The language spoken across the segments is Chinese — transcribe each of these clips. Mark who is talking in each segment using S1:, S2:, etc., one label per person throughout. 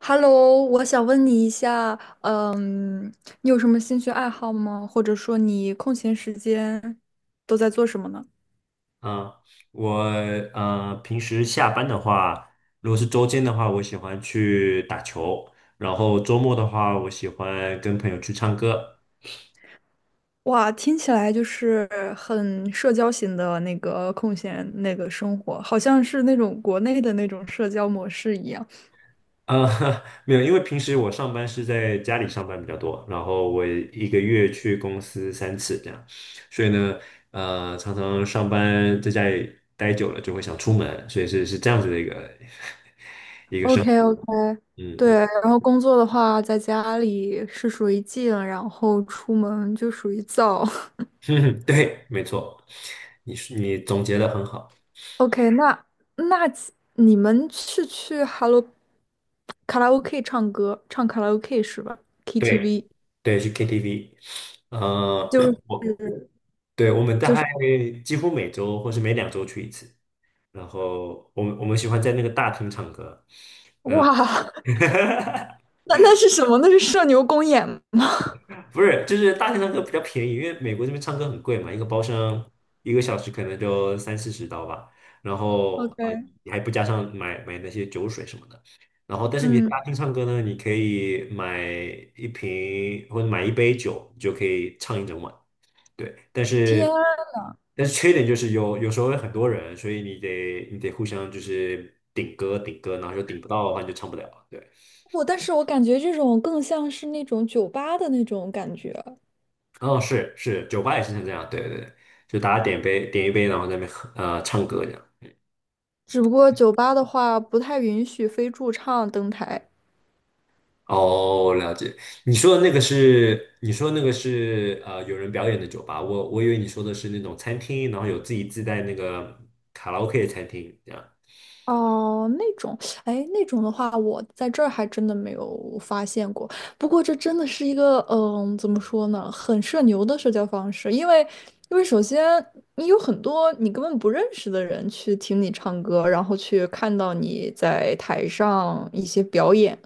S1: Hello,我想问你一下，你有什么兴趣爱好吗？或者说你空闲时间都在做什么呢？
S2: 嗯，我平时下班的话，如果是周间的话，我喜欢去打球，然后周末的话，我喜欢跟朋友去唱歌。
S1: 哇，听起来就是很社交型的空闲生活，好像是那种国内的那种社交模式一样。
S2: 呃，没有，因为平时我上班是在家里上班比较多，然后我一个月去公司3次这样，所以呢，常常上班在家里待久了就会想出门，所以是这样子的一个。
S1: o k o k 对，
S2: 嗯
S1: 然后工作的话，在家里是属于静，然后出门就属于躁。
S2: 嗯，对，没错，你总结的很好。
S1: OK,那你们是去 Hello 卡拉 OK 唱歌，唱卡拉 OK 是吧
S2: 对，
S1: ？KTV
S2: 对，去 KTV，呃，
S1: 就 是，
S2: 我对，我们大概几乎每周或是每两周去一次，然后我们喜欢在那个大厅唱歌。嗯，
S1: 哇，那是什么？那是社牛公演吗？
S2: 不是，就是大厅唱歌比较便宜，因为美国这边唱歌很贵嘛，一个包厢一个小时可能就30-40刀吧。然后啊、
S1: OK。
S2: 你还不加上买那些酒水什么的，然后但是你
S1: 嗯。
S2: 大厅唱歌呢，你可以买一瓶或者买一杯酒，你就可以唱一整晚。对，
S1: 天啊。
S2: 但是缺点就是有时候有很多人，所以你得互相就是顶歌顶歌，然后就顶不到的话你就唱不了。对，
S1: 我但是我感觉这种更像是那种酒吧的那种感觉。
S2: 哦，是是，酒吧也是像这样，对对对，就大家点一杯，然后在那边喝唱歌这样。
S1: 只不过酒吧的话不太允许非驻唱登台。
S2: 哦，了解。你说的那个是有人表演的酒吧，我以为你说的是那种餐厅，然后有自己自带那个卡拉 OK 的餐厅这样。
S1: 哦，那种，哎，那种的话，我在这儿还真的没有发现过。不过这真的是一个，怎么说呢，很社牛的社交方式，因为，因为首先你有很多你根本不认识的人去听你唱歌，然后去看到你在台上一些表演。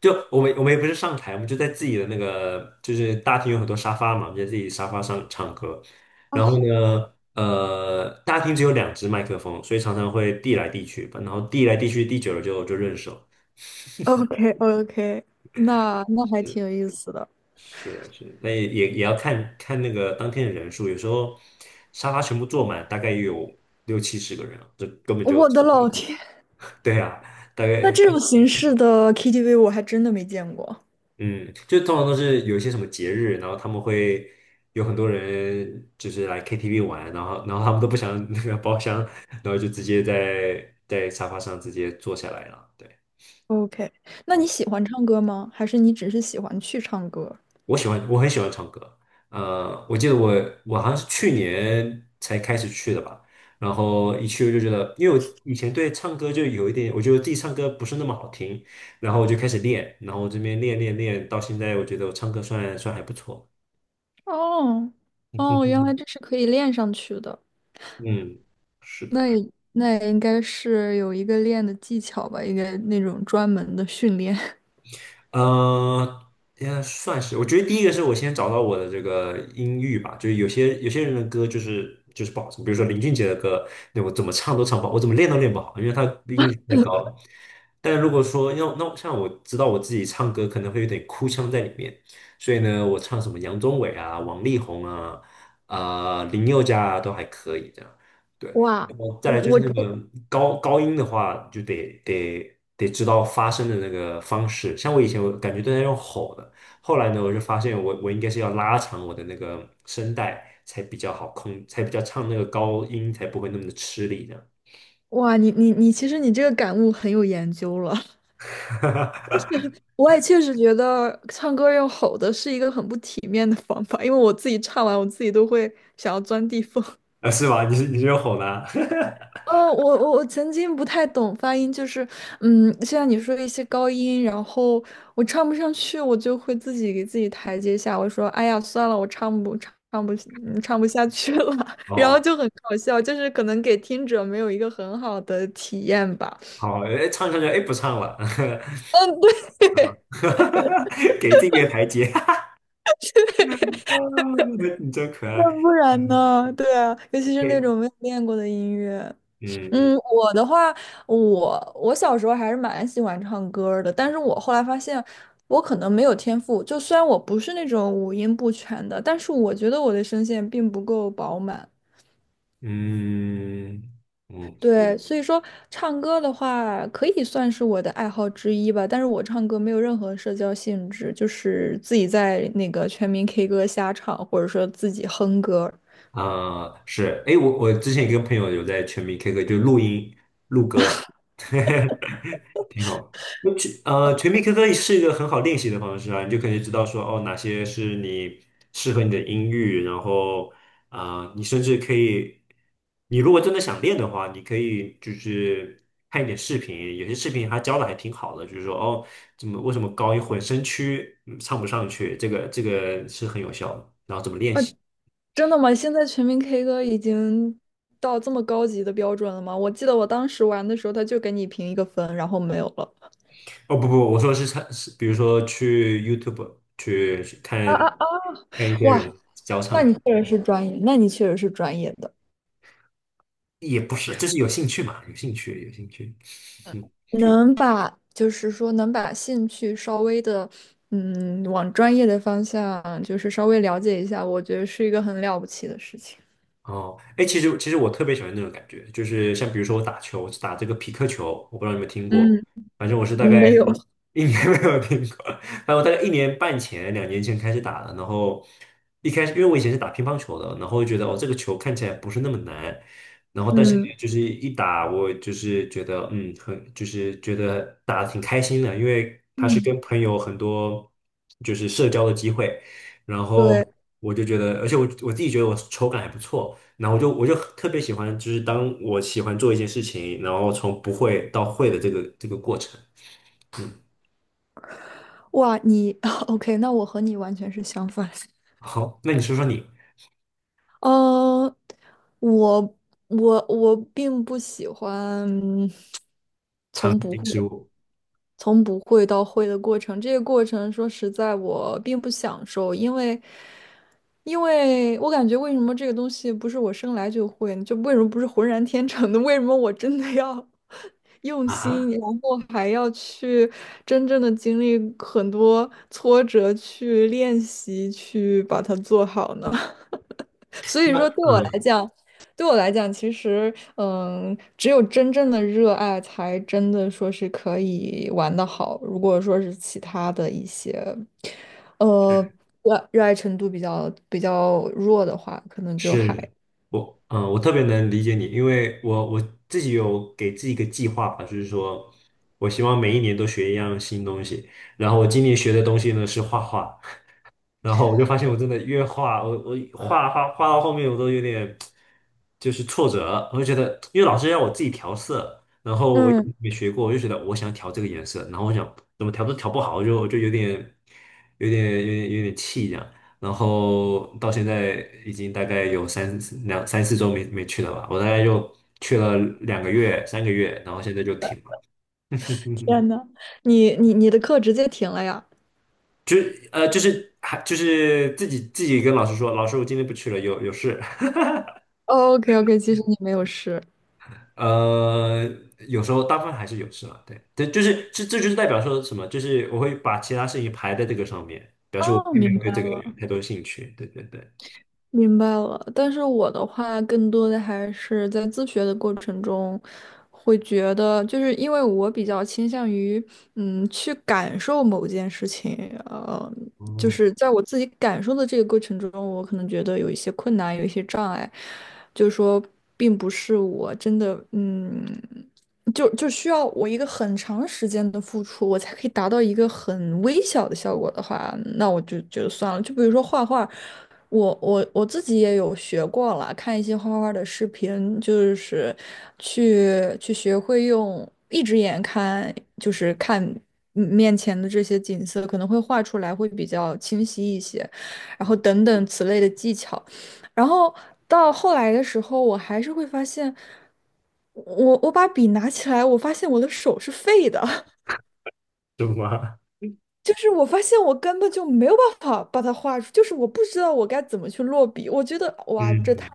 S2: 就我们也不是上台，我们就在自己的那个就是大厅有很多沙发嘛，我们就在自己沙发上唱歌。然后呢，大厅只有2只麦克风，所以常常会递来递去吧。然后递来递去，递久了就认手。
S1: o k o k 那那还挺有意思的。
S2: 是的是的，但也要看看那个当天的人数，有时候沙发全部坐满，大概也有60-70个人啊这根本就
S1: 我的老天，
S2: 对啊，大
S1: 那
S2: 概
S1: 这种形式的 KTV 我还真的没见过。
S2: 嗯，就通常都是有一些什么节日，然后他们会有很多人就是来 KTV 玩，然后他们都不想那个包厢，然后就直接在沙发上直接坐下来了。对，
S1: OK,那你喜欢唱歌吗？还是你只是喜欢去唱歌？
S2: 我喜欢，我很喜欢唱歌。我记得我好像是去年才开始去的吧，然后一去我就觉得，因为我以前对唱歌就有一点，我觉得自己唱歌不是那么好听，然后我就开始练，然后我这边练练练，到现在我觉得我唱歌算还不错。
S1: 哦。哦，原来这是可以练上去的。
S2: 嗯，是
S1: 那
S2: 的。
S1: 也那也应该是有一个练的技巧吧，应该那种专门的训练。
S2: 呃，应该算是。我觉得第一个是我先找到我的这个音域吧，就是有些人的歌就是不好听，比如说林俊杰的歌，那我怎么唱都唱不好，我怎么练都练不好，因为他音域太高了。但如果说要那像我知道我自己唱歌可能会有点哭腔在里面，所以呢，我唱什么杨宗纬啊、王力宏啊、林宥嘉啊都还可以这样。对，
S1: 哇，
S2: 然后再
S1: 我
S2: 来就是
S1: 我
S2: 那个高音的话，就得知道发声的那个方式。像我以前我感觉都在用吼的，后来呢，我就发现我应该是要拉长我的那个声带才比较好控，才比较唱那个高音才不会那么的吃力这样。
S1: 我，哇，你，其实你这个感悟很有研究了。我也确实觉得唱歌用吼的是一个很不体面的方法，因为我自己唱完，我自己都会想要钻地缝。
S2: 啊是吗？你是用吼的啊？
S1: 哦，我曾经不太懂发音，就是，嗯，像你说的一些高音，然后我唱不上去，我就会自己给自己台阶下，我说，哎呀，算了，我唱不唱唱不嗯唱不下去了，然后
S2: 哦，
S1: 就很搞笑，就是可能给听者没有一个很好的体验吧。
S2: 好，哎，唱唱唱，哎，不唱了，
S1: 嗯，对。
S2: 给这个台阶，啊你真可
S1: 那
S2: 爱。
S1: 不然
S2: 嗯，
S1: 呢？对啊，尤其是那
S2: 嘿，
S1: 种没有练过的音乐。
S2: 嗯
S1: 嗯，我的话，我小时候还是蛮喜欢唱歌儿的，但是我后来发现我可能没有天赋，就虽然我不是那种五音不全的，但是我觉得我的声线并不够饱满。
S2: 嗯嗯嗯，
S1: 对，所以说唱歌的话可以算是我的爱好之一吧，但是我唱歌没有任何社交性质，就是自己在那个全民 K 歌瞎唱，或者说自己哼歌。
S2: 啊，是，哎，我之前一个朋友有在全民 K 歌就录音，挺好。全民 K 歌是一个很好练习的方式啊，你就可以知道说哦，哪些是适合你的音域，然后你甚至可以，你如果真的想练的话，你可以就是看一点视频，有些视频他教的还挺好的，就是说哦，怎么为什么高音混声区唱不上去，这个是很有效的，然后怎么练习。
S1: 真的吗？现在全民 K 歌已经到这么高级的标准了吗？我记得我当时玩的时候，他就给你评一个分，然后没有了。
S2: 哦，不不，我说是唱，是比如说去 YouTube 去看
S1: 啊啊啊！
S2: 看一些
S1: 哇，
S2: 人教
S1: 那
S2: 唱歌。
S1: 你确实是专业，那你确实是专业的，
S2: 也不是，就是有兴趣嘛，有兴趣，有兴趣。
S1: 能把能把兴趣稍微的，嗯，往专业的方向就是稍微了解一下，我觉得是一个很了不起的事情。
S2: 哦，哎，其实我特别喜欢那种感觉，就是像比如说我打球打这个匹克球，我不知道你有没有听过，
S1: 嗯。
S2: 反正我是大
S1: 嗯，没有。
S2: 概一年 没有听过，反正我大概1年半前、2年前开始打的，然后一开始因为我以前是打乒乓球的，然后觉得哦这个球看起来不是那么难，然后但是呢
S1: 嗯
S2: 就是一打我就是觉得很就是觉得打的挺开心的，因为它是
S1: 嗯。
S2: 跟朋友很多就是社交的机会，然后。
S1: 对。
S2: 我就觉得，而且我自己觉得我手感还不错，然后我就特别喜欢，就是当我喜欢做一件事情，然后从不会到会的这个过程。
S1: 哇，你。 OK,那我和你完全是相反。
S2: 好，那你说说你
S1: 呃，我我并不喜欢
S2: 常
S1: 从不
S2: 见
S1: 会
S2: 植物
S1: 从不会到会的过程。这个过程说实在，我并不享受，因为因为我感觉为什么这个东西不是我生来就会呢，就为什么不是浑然天成的？为什么我真的要 用
S2: 啊
S1: 心，
S2: 哈
S1: 然后还要去真正的经历很多挫折去练习，去把它做好呢？所以
S2: 那
S1: 说，对我来
S2: 嗯，
S1: 讲，对我来讲，其实，嗯，只有真正的热爱，才真的说是可以玩得好。如果说是其他的一些，呃，热爱程度比较弱的话，可能就还，
S2: 是我特别能理解你，因为我自己有给自己一个计划吧，就是说我希望每一年都学一样新东西。然后我今年学的东西呢是画画，然后我就发现我真的越画，我画画画到后面我都有点就是挫折，我就觉得，因为老师让我自己调色，然后我也
S1: 嗯。
S2: 没学过，我就觉得我想调这个颜色，然后我想怎么调都调不好，我就有点气这样，然后到现在已经大概有两三四周没去了吧，我大概就去了两个月三个月，然后现在就停了。
S1: 天呐，你的课直接停了呀
S2: 就就是还自己跟老师说，老师我今天不去了，有事。
S1: ？OK OK,其实你没有事。
S2: 呃，有时候大部分还是有事了，对，这就是这就是代表说什么，就是我会把其他事情排在这个上面，
S1: 哦，
S2: 因为
S1: 明
S2: 我对
S1: 白
S2: 这个有
S1: 了。
S2: 太多兴趣，对对对。
S1: 明白了，但是我的话更多的还是在自学的过程中，会觉得就是因为我比较倾向于嗯去感受某件事情，呃，就
S2: 哦，
S1: 是在我自己感受的这个过程中，我可能觉得有一些困难，有一些障碍，就是说并不是我真的嗯，就需要我一个很长时间的付出，我才可以达到一个很微小的效果的话，那我就觉得算了。就比如说画画。我自己也有学过了，看一些画画的视频，就是去学会用一只眼看，就是看嗯面前的这些景色，可能会画出来会比较清晰一些，然后等等此类的技巧。然后到后来的时候，我还是会发现，我把笔拿起来，我发现我的手是废的。
S2: 是吗？
S1: 就是我发现我根本就没有办法把它画出，就是我不知道我该怎么去落笔。我觉得 哇，这太。
S2: 嗯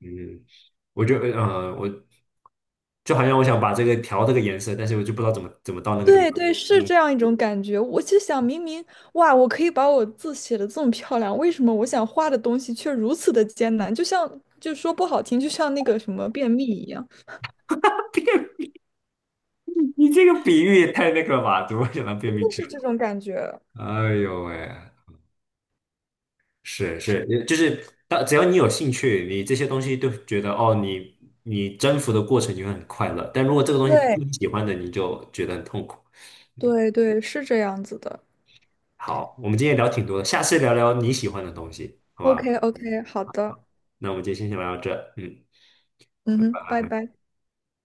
S2: 嗯，我就好像我想把这个调这个颜色，但是我就不知道怎么到那个地
S1: 对
S2: 方。
S1: 对，是
S2: 嗯，
S1: 这样一种感觉。我就想，明明哇，我可以把我字写的这么漂亮，为什么我想画的东西却如此的艰难？就像，就说不好听，就像那个什么便秘一样，
S2: 你这个比喻也太那个了吧？怎么会想到便
S1: 真
S2: 秘
S1: 的
S2: 去
S1: 是
S2: 了？
S1: 这种感觉。
S2: 哎呦喂，是是，就是只要你有兴趣，你这些东西都觉得哦，你征服的过程你会很快乐。但如果这个东西不是你
S1: 对
S2: 喜欢的，你就觉得很痛苦。
S1: 对对，是这样子的。
S2: 好，我们今天聊挺多的，下次聊聊你喜欢的东西，好吧？
S1: OK OK,好的。
S2: 那我们今天先聊到这，嗯。
S1: 嗯
S2: 拜
S1: 哼，拜
S2: 拜。
S1: 拜。